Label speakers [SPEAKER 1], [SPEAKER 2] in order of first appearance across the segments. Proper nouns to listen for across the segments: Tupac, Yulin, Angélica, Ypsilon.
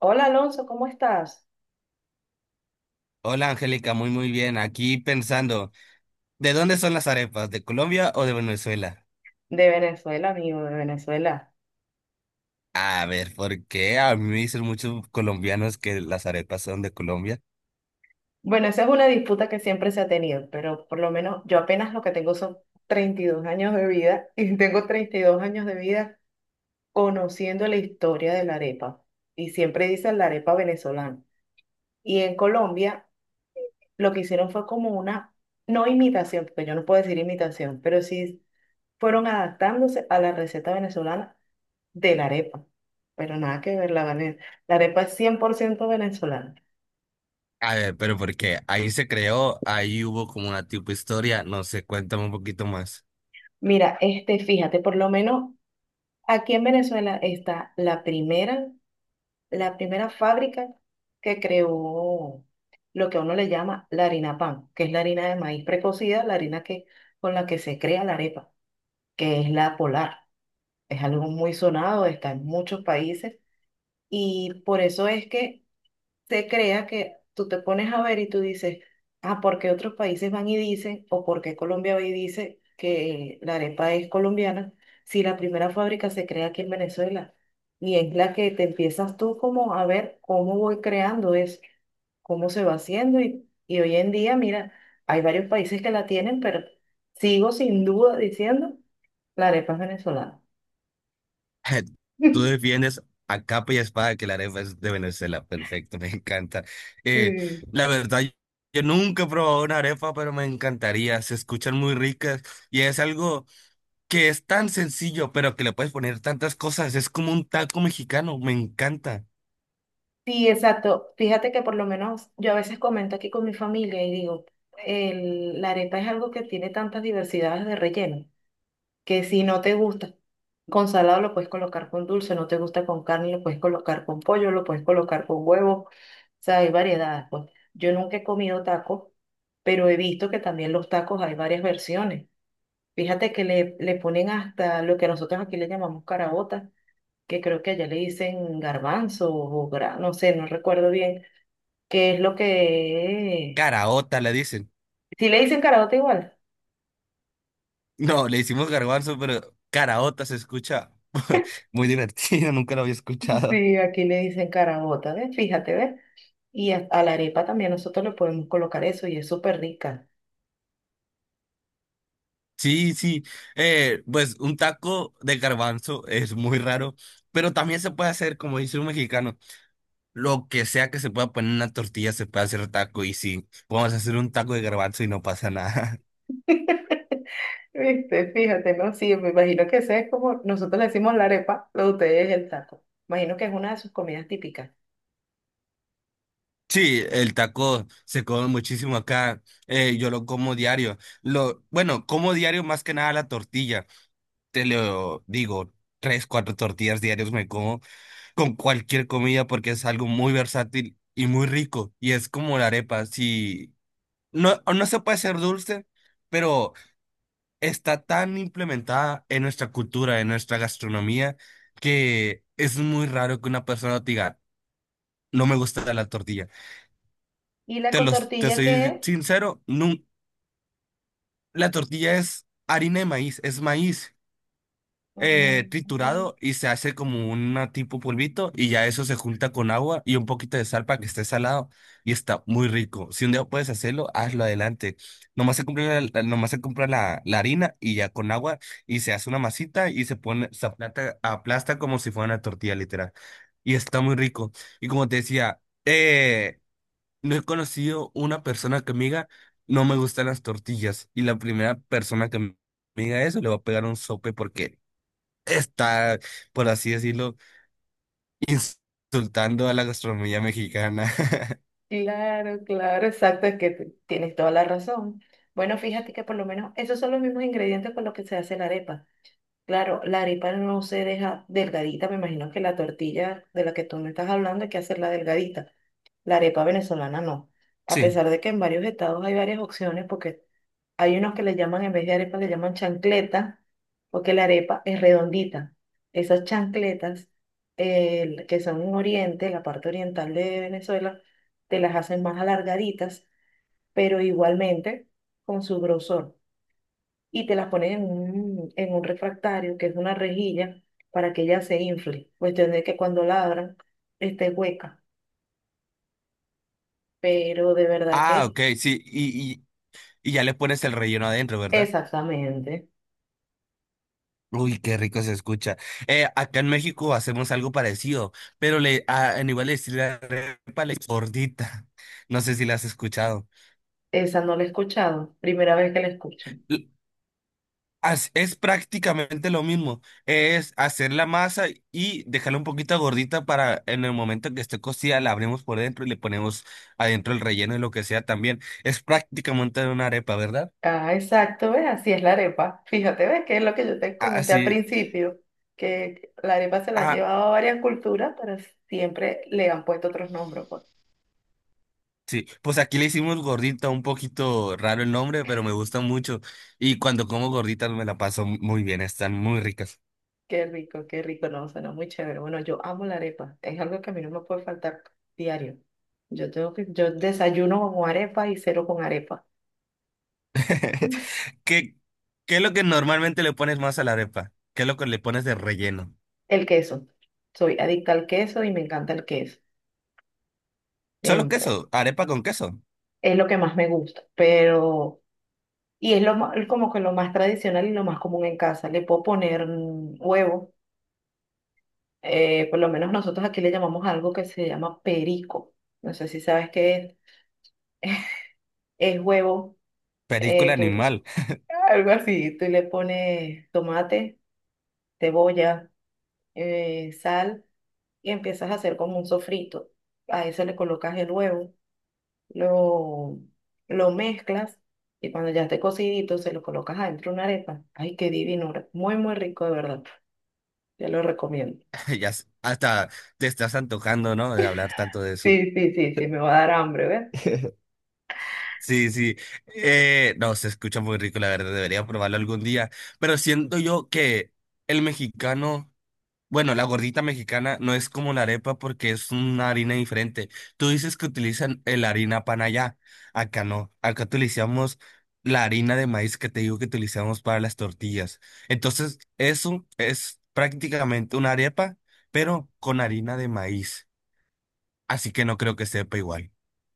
[SPEAKER 1] Hola Alonso, ¿cómo estás?
[SPEAKER 2] Hola Angélica, muy muy bien. Aquí pensando, ¿de dónde son las arepas? ¿De Colombia o de Venezuela?
[SPEAKER 1] De Venezuela, amigo, de Venezuela.
[SPEAKER 2] A ver, ¿por qué? A mí me dicen muchos colombianos que las arepas son de Colombia.
[SPEAKER 1] Bueno, esa es una disputa que siempre se ha tenido, pero por lo menos yo apenas lo que tengo son 32 años de vida y tengo 32 años de vida conociendo la historia de la arepa. Y siempre dicen la arepa venezolana. Y en Colombia lo que hicieron fue como una, no imitación, porque yo no puedo decir imitación, pero sí fueron adaptándose a la receta venezolana de la arepa. Pero nada que ver, la, vene- la arepa es 100% venezolana.
[SPEAKER 2] A ver, pero ¿por qué? Ahí se creó, ahí hubo como una tipo historia, no sé, cuéntame un poquito más.
[SPEAKER 1] Mira, fíjate, por lo menos aquí en Venezuela está la primera fábrica que creó lo que a uno le llama la harina pan, que es la harina de maíz precocida, la harina que, con la que se crea la arepa, que es la polar. Es algo muy sonado, está en muchos países y por eso es que se crea que tú te pones a ver y tú dices, ah, ¿por qué otros países van y dicen, o por qué Colombia va y dice que la arepa es colombiana, si la primera fábrica se crea aquí en Venezuela? Y es la que te empiezas tú como a ver cómo voy creando eso, cómo se va haciendo. Y hoy en día, mira, hay varios países que la tienen, pero sigo sin duda diciendo, la arepa es venezolana.
[SPEAKER 2] Tú defiendes a capa y espada que la arepa es de Venezuela, perfecto, me encanta. Eh,
[SPEAKER 1] Sí.
[SPEAKER 2] la verdad, yo nunca he probado una arepa, pero me encantaría, se escuchan muy ricas y es algo que es tan sencillo, pero que le puedes poner tantas cosas. Es como un taco mexicano, me encanta.
[SPEAKER 1] Sí, exacto. Fíjate que por lo menos yo a veces comento aquí con mi familia y digo, la arepa es algo que tiene tantas diversidades de relleno, que si no te gusta con salado lo puedes colocar con dulce, no te gusta con carne lo puedes colocar con pollo, lo puedes colocar con huevo, o sea, hay variedades, pues. Yo nunca he comido tacos, pero he visto que también los tacos hay varias versiones. Fíjate que le ponen hasta lo que nosotros aquí le llamamos carabota, que creo que allá le dicen garbanzo o no sé, no recuerdo bien que es lo que.
[SPEAKER 2] Caraota le dicen.
[SPEAKER 1] Si le dicen carabota igual.
[SPEAKER 2] No, le hicimos garbanzo, pero caraota se escucha muy divertido, nunca lo había escuchado.
[SPEAKER 1] Sí, aquí le dicen carabota, ¿ves? Fíjate, ¿ves? Y a la arepa también nosotros le podemos colocar eso y es súper rica.
[SPEAKER 2] Sí, sí, pues un taco de garbanzo es muy raro, pero también se puede hacer, como dice un mexicano, lo que sea que se pueda poner en una tortilla se puede hacer taco y sí, podemos hacer un taco de garbanzo y no pasa nada.
[SPEAKER 1] Viste, fíjate, ¿no? Sí, me imagino que ese es como, nosotros le decimos la arepa, lo de ustedes es el taco. Imagino que es una de sus comidas típicas.
[SPEAKER 2] Sí, el taco se come muchísimo acá. Yo lo como diario. Lo, bueno, como diario más que nada la tortilla. Te lo digo, tres, cuatro tortillas diarios me como con cualquier comida porque es algo muy versátil y muy rico. Y es como la arepa. Si no, no se puede ser dulce, pero está tan implementada en nuestra cultura, en nuestra gastronomía, que es muy raro que una persona te diga, no me gusta la tortilla.
[SPEAKER 1] ¿Y la
[SPEAKER 2] Te los, te
[SPEAKER 1] cotortilla qué
[SPEAKER 2] soy
[SPEAKER 1] es?
[SPEAKER 2] sincero, la tortilla es harina de maíz, es maíz
[SPEAKER 1] Mm.
[SPEAKER 2] triturado y se hace como una tipo polvito y ya eso se junta con agua y un poquito de sal para que esté salado y está muy rico. Si un día puedes hacerlo, hazlo adelante. Nomás se compra la, la harina y ya con agua y se hace una masita y se pone, aplasta como si fuera una tortilla literal. Y está muy rico. Y como te decía, no he conocido una persona que me diga, no me gustan las tortillas. Y la primera persona que me diga eso le va a pegar un sope porque está, por así decirlo, insultando a la gastronomía mexicana.
[SPEAKER 1] Claro, claro, exacto, es que tienes toda la razón. Bueno, fíjate que por lo menos esos son los mismos ingredientes con los que se hace la arepa. Claro, la arepa no se deja delgadita, me imagino que la tortilla de la que tú me estás hablando hay que hacerla delgadita, la arepa venezolana no, a
[SPEAKER 2] Sí.
[SPEAKER 1] pesar de que en varios estados hay varias opciones, porque hay unos que le llaman, en vez de arepa le llaman chancleta, porque la arepa es redondita. Esas chancletas que son en Oriente, la parte oriental de Venezuela, te las hacen más alargaditas, pero igualmente con su grosor y te las pones en en un refractario, que es una rejilla, para que ella se infle. Cuestión de que cuando ladran esté hueca. Pero de verdad
[SPEAKER 2] Ah,
[SPEAKER 1] que
[SPEAKER 2] ok, sí. Y ya le pones el relleno adentro, ¿verdad?
[SPEAKER 1] exactamente,
[SPEAKER 2] Uy, qué rico se escucha. Acá en México hacemos algo parecido, pero le, a, en igual le decimos la arepa, le gordita. No sé si la has escuchado.
[SPEAKER 1] esa no la he escuchado, primera vez que la escucho.
[SPEAKER 2] Es prácticamente lo mismo, es hacer la masa y dejarla un poquito gordita para en el momento que esté cocida la abrimos por dentro y le ponemos adentro el relleno y lo que sea también. Es prácticamente una arepa, ¿verdad?
[SPEAKER 1] Ah, exacto, ¿ves? Así es la arepa. Fíjate, ¿ves? Que es lo que yo te
[SPEAKER 2] Ah,
[SPEAKER 1] comenté al
[SPEAKER 2] sí,
[SPEAKER 1] principio, que la arepa se la han
[SPEAKER 2] ah,
[SPEAKER 1] llevado a varias culturas, pero siempre le han puesto otros nombres, pues.
[SPEAKER 2] sí. Pues aquí le hicimos gordita, un poquito raro el nombre, pero me gusta mucho y cuando como gorditas me la paso muy bien, están muy ricas.
[SPEAKER 1] Qué rico, no, suena muy chévere. Bueno, yo amo la arepa, es algo que a mí no me puede faltar diario. Yo tengo que, yo desayuno con arepa y cero con arepa.
[SPEAKER 2] ¿Qué, ¿qué es lo que normalmente le pones más a la arepa? ¿Qué es lo que le pones de relleno?
[SPEAKER 1] El queso, soy adicta al queso y me encanta el queso,
[SPEAKER 2] ¿Solo
[SPEAKER 1] siempre.
[SPEAKER 2] queso? ¿Arepa con queso?
[SPEAKER 1] Es lo que más me gusta, pero, y es lo como que lo más tradicional y lo más común en casa. Le puedo poner huevo, por lo menos nosotros aquí le llamamos algo que se llama perico. No sé si sabes qué es huevo.
[SPEAKER 2] Película animal.
[SPEAKER 1] Algo así, tú le pones tomate, cebolla, sal y empiezas a hacer como un sofrito. A eso le colocas el huevo, lo, lo mezclas y cuando ya esté cocidito se lo colocas adentro de una arepa. Ay, qué divino, muy, muy rico de verdad. Te lo recomiendo.
[SPEAKER 2] Hasta te estás antojando, ¿no? De hablar tanto de eso.
[SPEAKER 1] Sí, sí, sí, sí, me va a dar hambre, ¿ves?
[SPEAKER 2] Sí, sí. No, se escucha muy rico, la verdad. Debería probarlo algún día. Pero siento yo que el mexicano. Bueno, la gordita mexicana no es como la arepa porque es una harina diferente. Tú dices que utilizan la harina pan allá. Acá no. Acá utilizamos la harina de maíz que te digo que utilizamos para las tortillas. Entonces, eso es prácticamente una arepa, pero con harina de maíz. Así que no creo que sepa igual.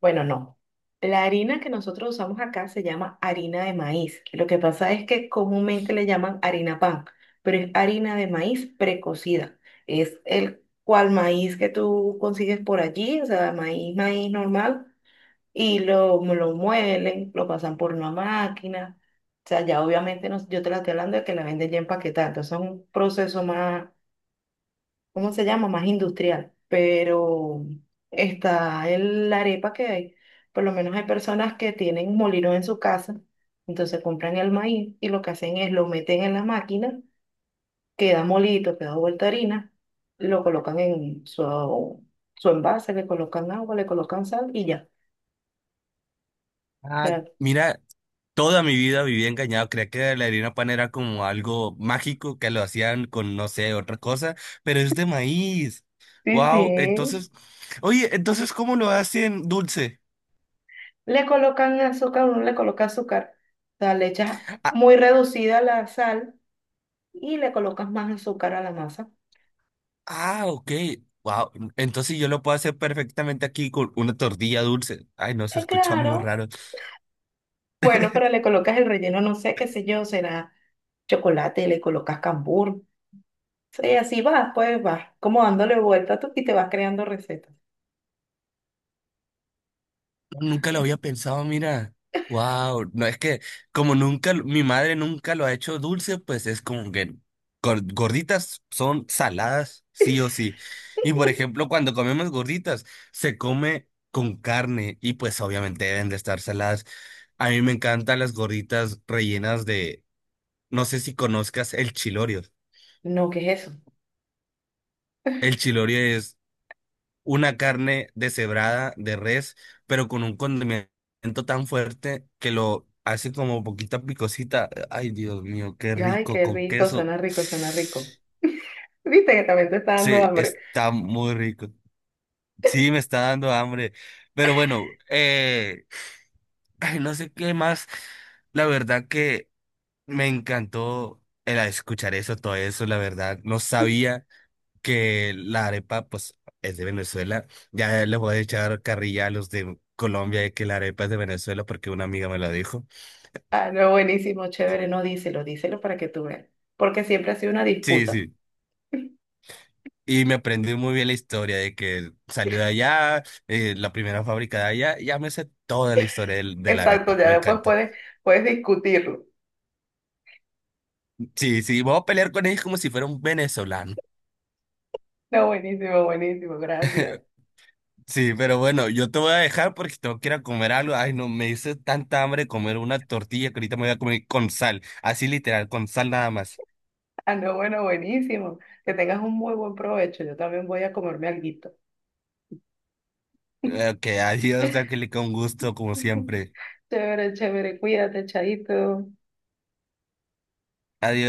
[SPEAKER 1] Bueno, no. La harina que nosotros usamos acá se llama harina de maíz. Lo que pasa es que comúnmente le llaman harina pan, pero es harina de maíz precocida. Es el cual maíz que tú consigues por allí, o sea, maíz, maíz normal, y lo muelen, lo pasan por una máquina. O sea, ya obviamente yo te la estoy hablando de que la venden ya empaquetada, entonces es un proceso más, ¿cómo se llama? Más industrial, pero está la arepa que hay. Por lo menos hay personas que tienen molinos en su casa, entonces compran el maíz y lo que hacen es lo meten en la máquina, queda molito, queda vuelta harina, lo colocan en su envase, le colocan agua, le colocan sal y ya. O
[SPEAKER 2] Ah,
[SPEAKER 1] sea,
[SPEAKER 2] mira, toda mi vida viví engañado. Creía que la harina pan era como algo mágico que lo hacían con, no sé, otra cosa, pero es de maíz.
[SPEAKER 1] sí,
[SPEAKER 2] Wow,
[SPEAKER 1] sí.
[SPEAKER 2] entonces, oye, entonces, ¿cómo lo hacen dulce?
[SPEAKER 1] Le colocan azúcar, uno le coloca azúcar, o sea, le echas
[SPEAKER 2] Ah,
[SPEAKER 1] muy reducida la sal y le colocas más azúcar a la masa.
[SPEAKER 2] ah, ok. Wow, entonces yo lo puedo hacer perfectamente aquí con una tortilla dulce. Ay, no, se
[SPEAKER 1] Es
[SPEAKER 2] escucha muy
[SPEAKER 1] claro.
[SPEAKER 2] raro.
[SPEAKER 1] Bueno, pero le colocas el relleno, no sé, qué sé yo, será chocolate, le colocas cambur. Sí, así vas, pues vas como dándole vuelta tú y te vas creando recetas.
[SPEAKER 2] Nunca lo había pensado, mira. Wow, no es que como nunca, mi madre nunca lo ha hecho dulce, pues es como que gorditas son saladas, sí o sí. Y por ejemplo, cuando comemos gorditas, se come con carne y pues obviamente deben de estar saladas. A mí me encantan las gorditas rellenas de, no sé si conozcas el chilorio.
[SPEAKER 1] No, ¿qué es eso?
[SPEAKER 2] El chilorio es una carne deshebrada de res, pero con un condimento tan fuerte que lo hace como poquita picosita. Ay, Dios mío, qué
[SPEAKER 1] Ay,
[SPEAKER 2] rico
[SPEAKER 1] qué
[SPEAKER 2] con
[SPEAKER 1] rico,
[SPEAKER 2] queso.
[SPEAKER 1] suena rico, suena rico. Viste que también te está dando
[SPEAKER 2] Sí,
[SPEAKER 1] hambre.
[SPEAKER 2] está muy rico. Sí, me está dando hambre. Pero bueno, ay, no sé qué más. La verdad que me encantó el escuchar eso, todo eso, la verdad. No sabía que la arepa, pues, es de Venezuela. Ya les voy a echar carrilla a los de Colombia de que la arepa es de Venezuela porque una amiga me lo dijo.
[SPEAKER 1] Ah, no, buenísimo, chévere, no, díselo, díselo para que tú veas. Porque siempre ha sido una
[SPEAKER 2] Sí,
[SPEAKER 1] disputa.
[SPEAKER 2] sí. Y me aprendí muy bien la historia de que salió de allá, la primera fábrica de allá. Ya me sé toda la historia de la
[SPEAKER 1] Exacto,
[SPEAKER 2] arepa.
[SPEAKER 1] ya
[SPEAKER 2] Me
[SPEAKER 1] después
[SPEAKER 2] encanta.
[SPEAKER 1] puedes, puedes discutirlo.
[SPEAKER 2] Sí, sí. Vamos a pelear con ellos como si fuera un venezolano.
[SPEAKER 1] No, buenísimo, buenísimo, gracias.
[SPEAKER 2] Sí, pero bueno, yo te voy a dejar porque tengo que ir a comer algo. Ay, no, me hice tanta hambre de comer una tortilla que ahorita me voy a comer con sal. Así literal, con sal nada más.
[SPEAKER 1] Ah, no, bueno, buenísimo. Que tengas un muy buen provecho. Yo también voy a comerme alguito.
[SPEAKER 2] Ok, adiós, Angélica, un gusto como siempre.
[SPEAKER 1] Chévere, chévere, cuídate, chaito.
[SPEAKER 2] Adiós.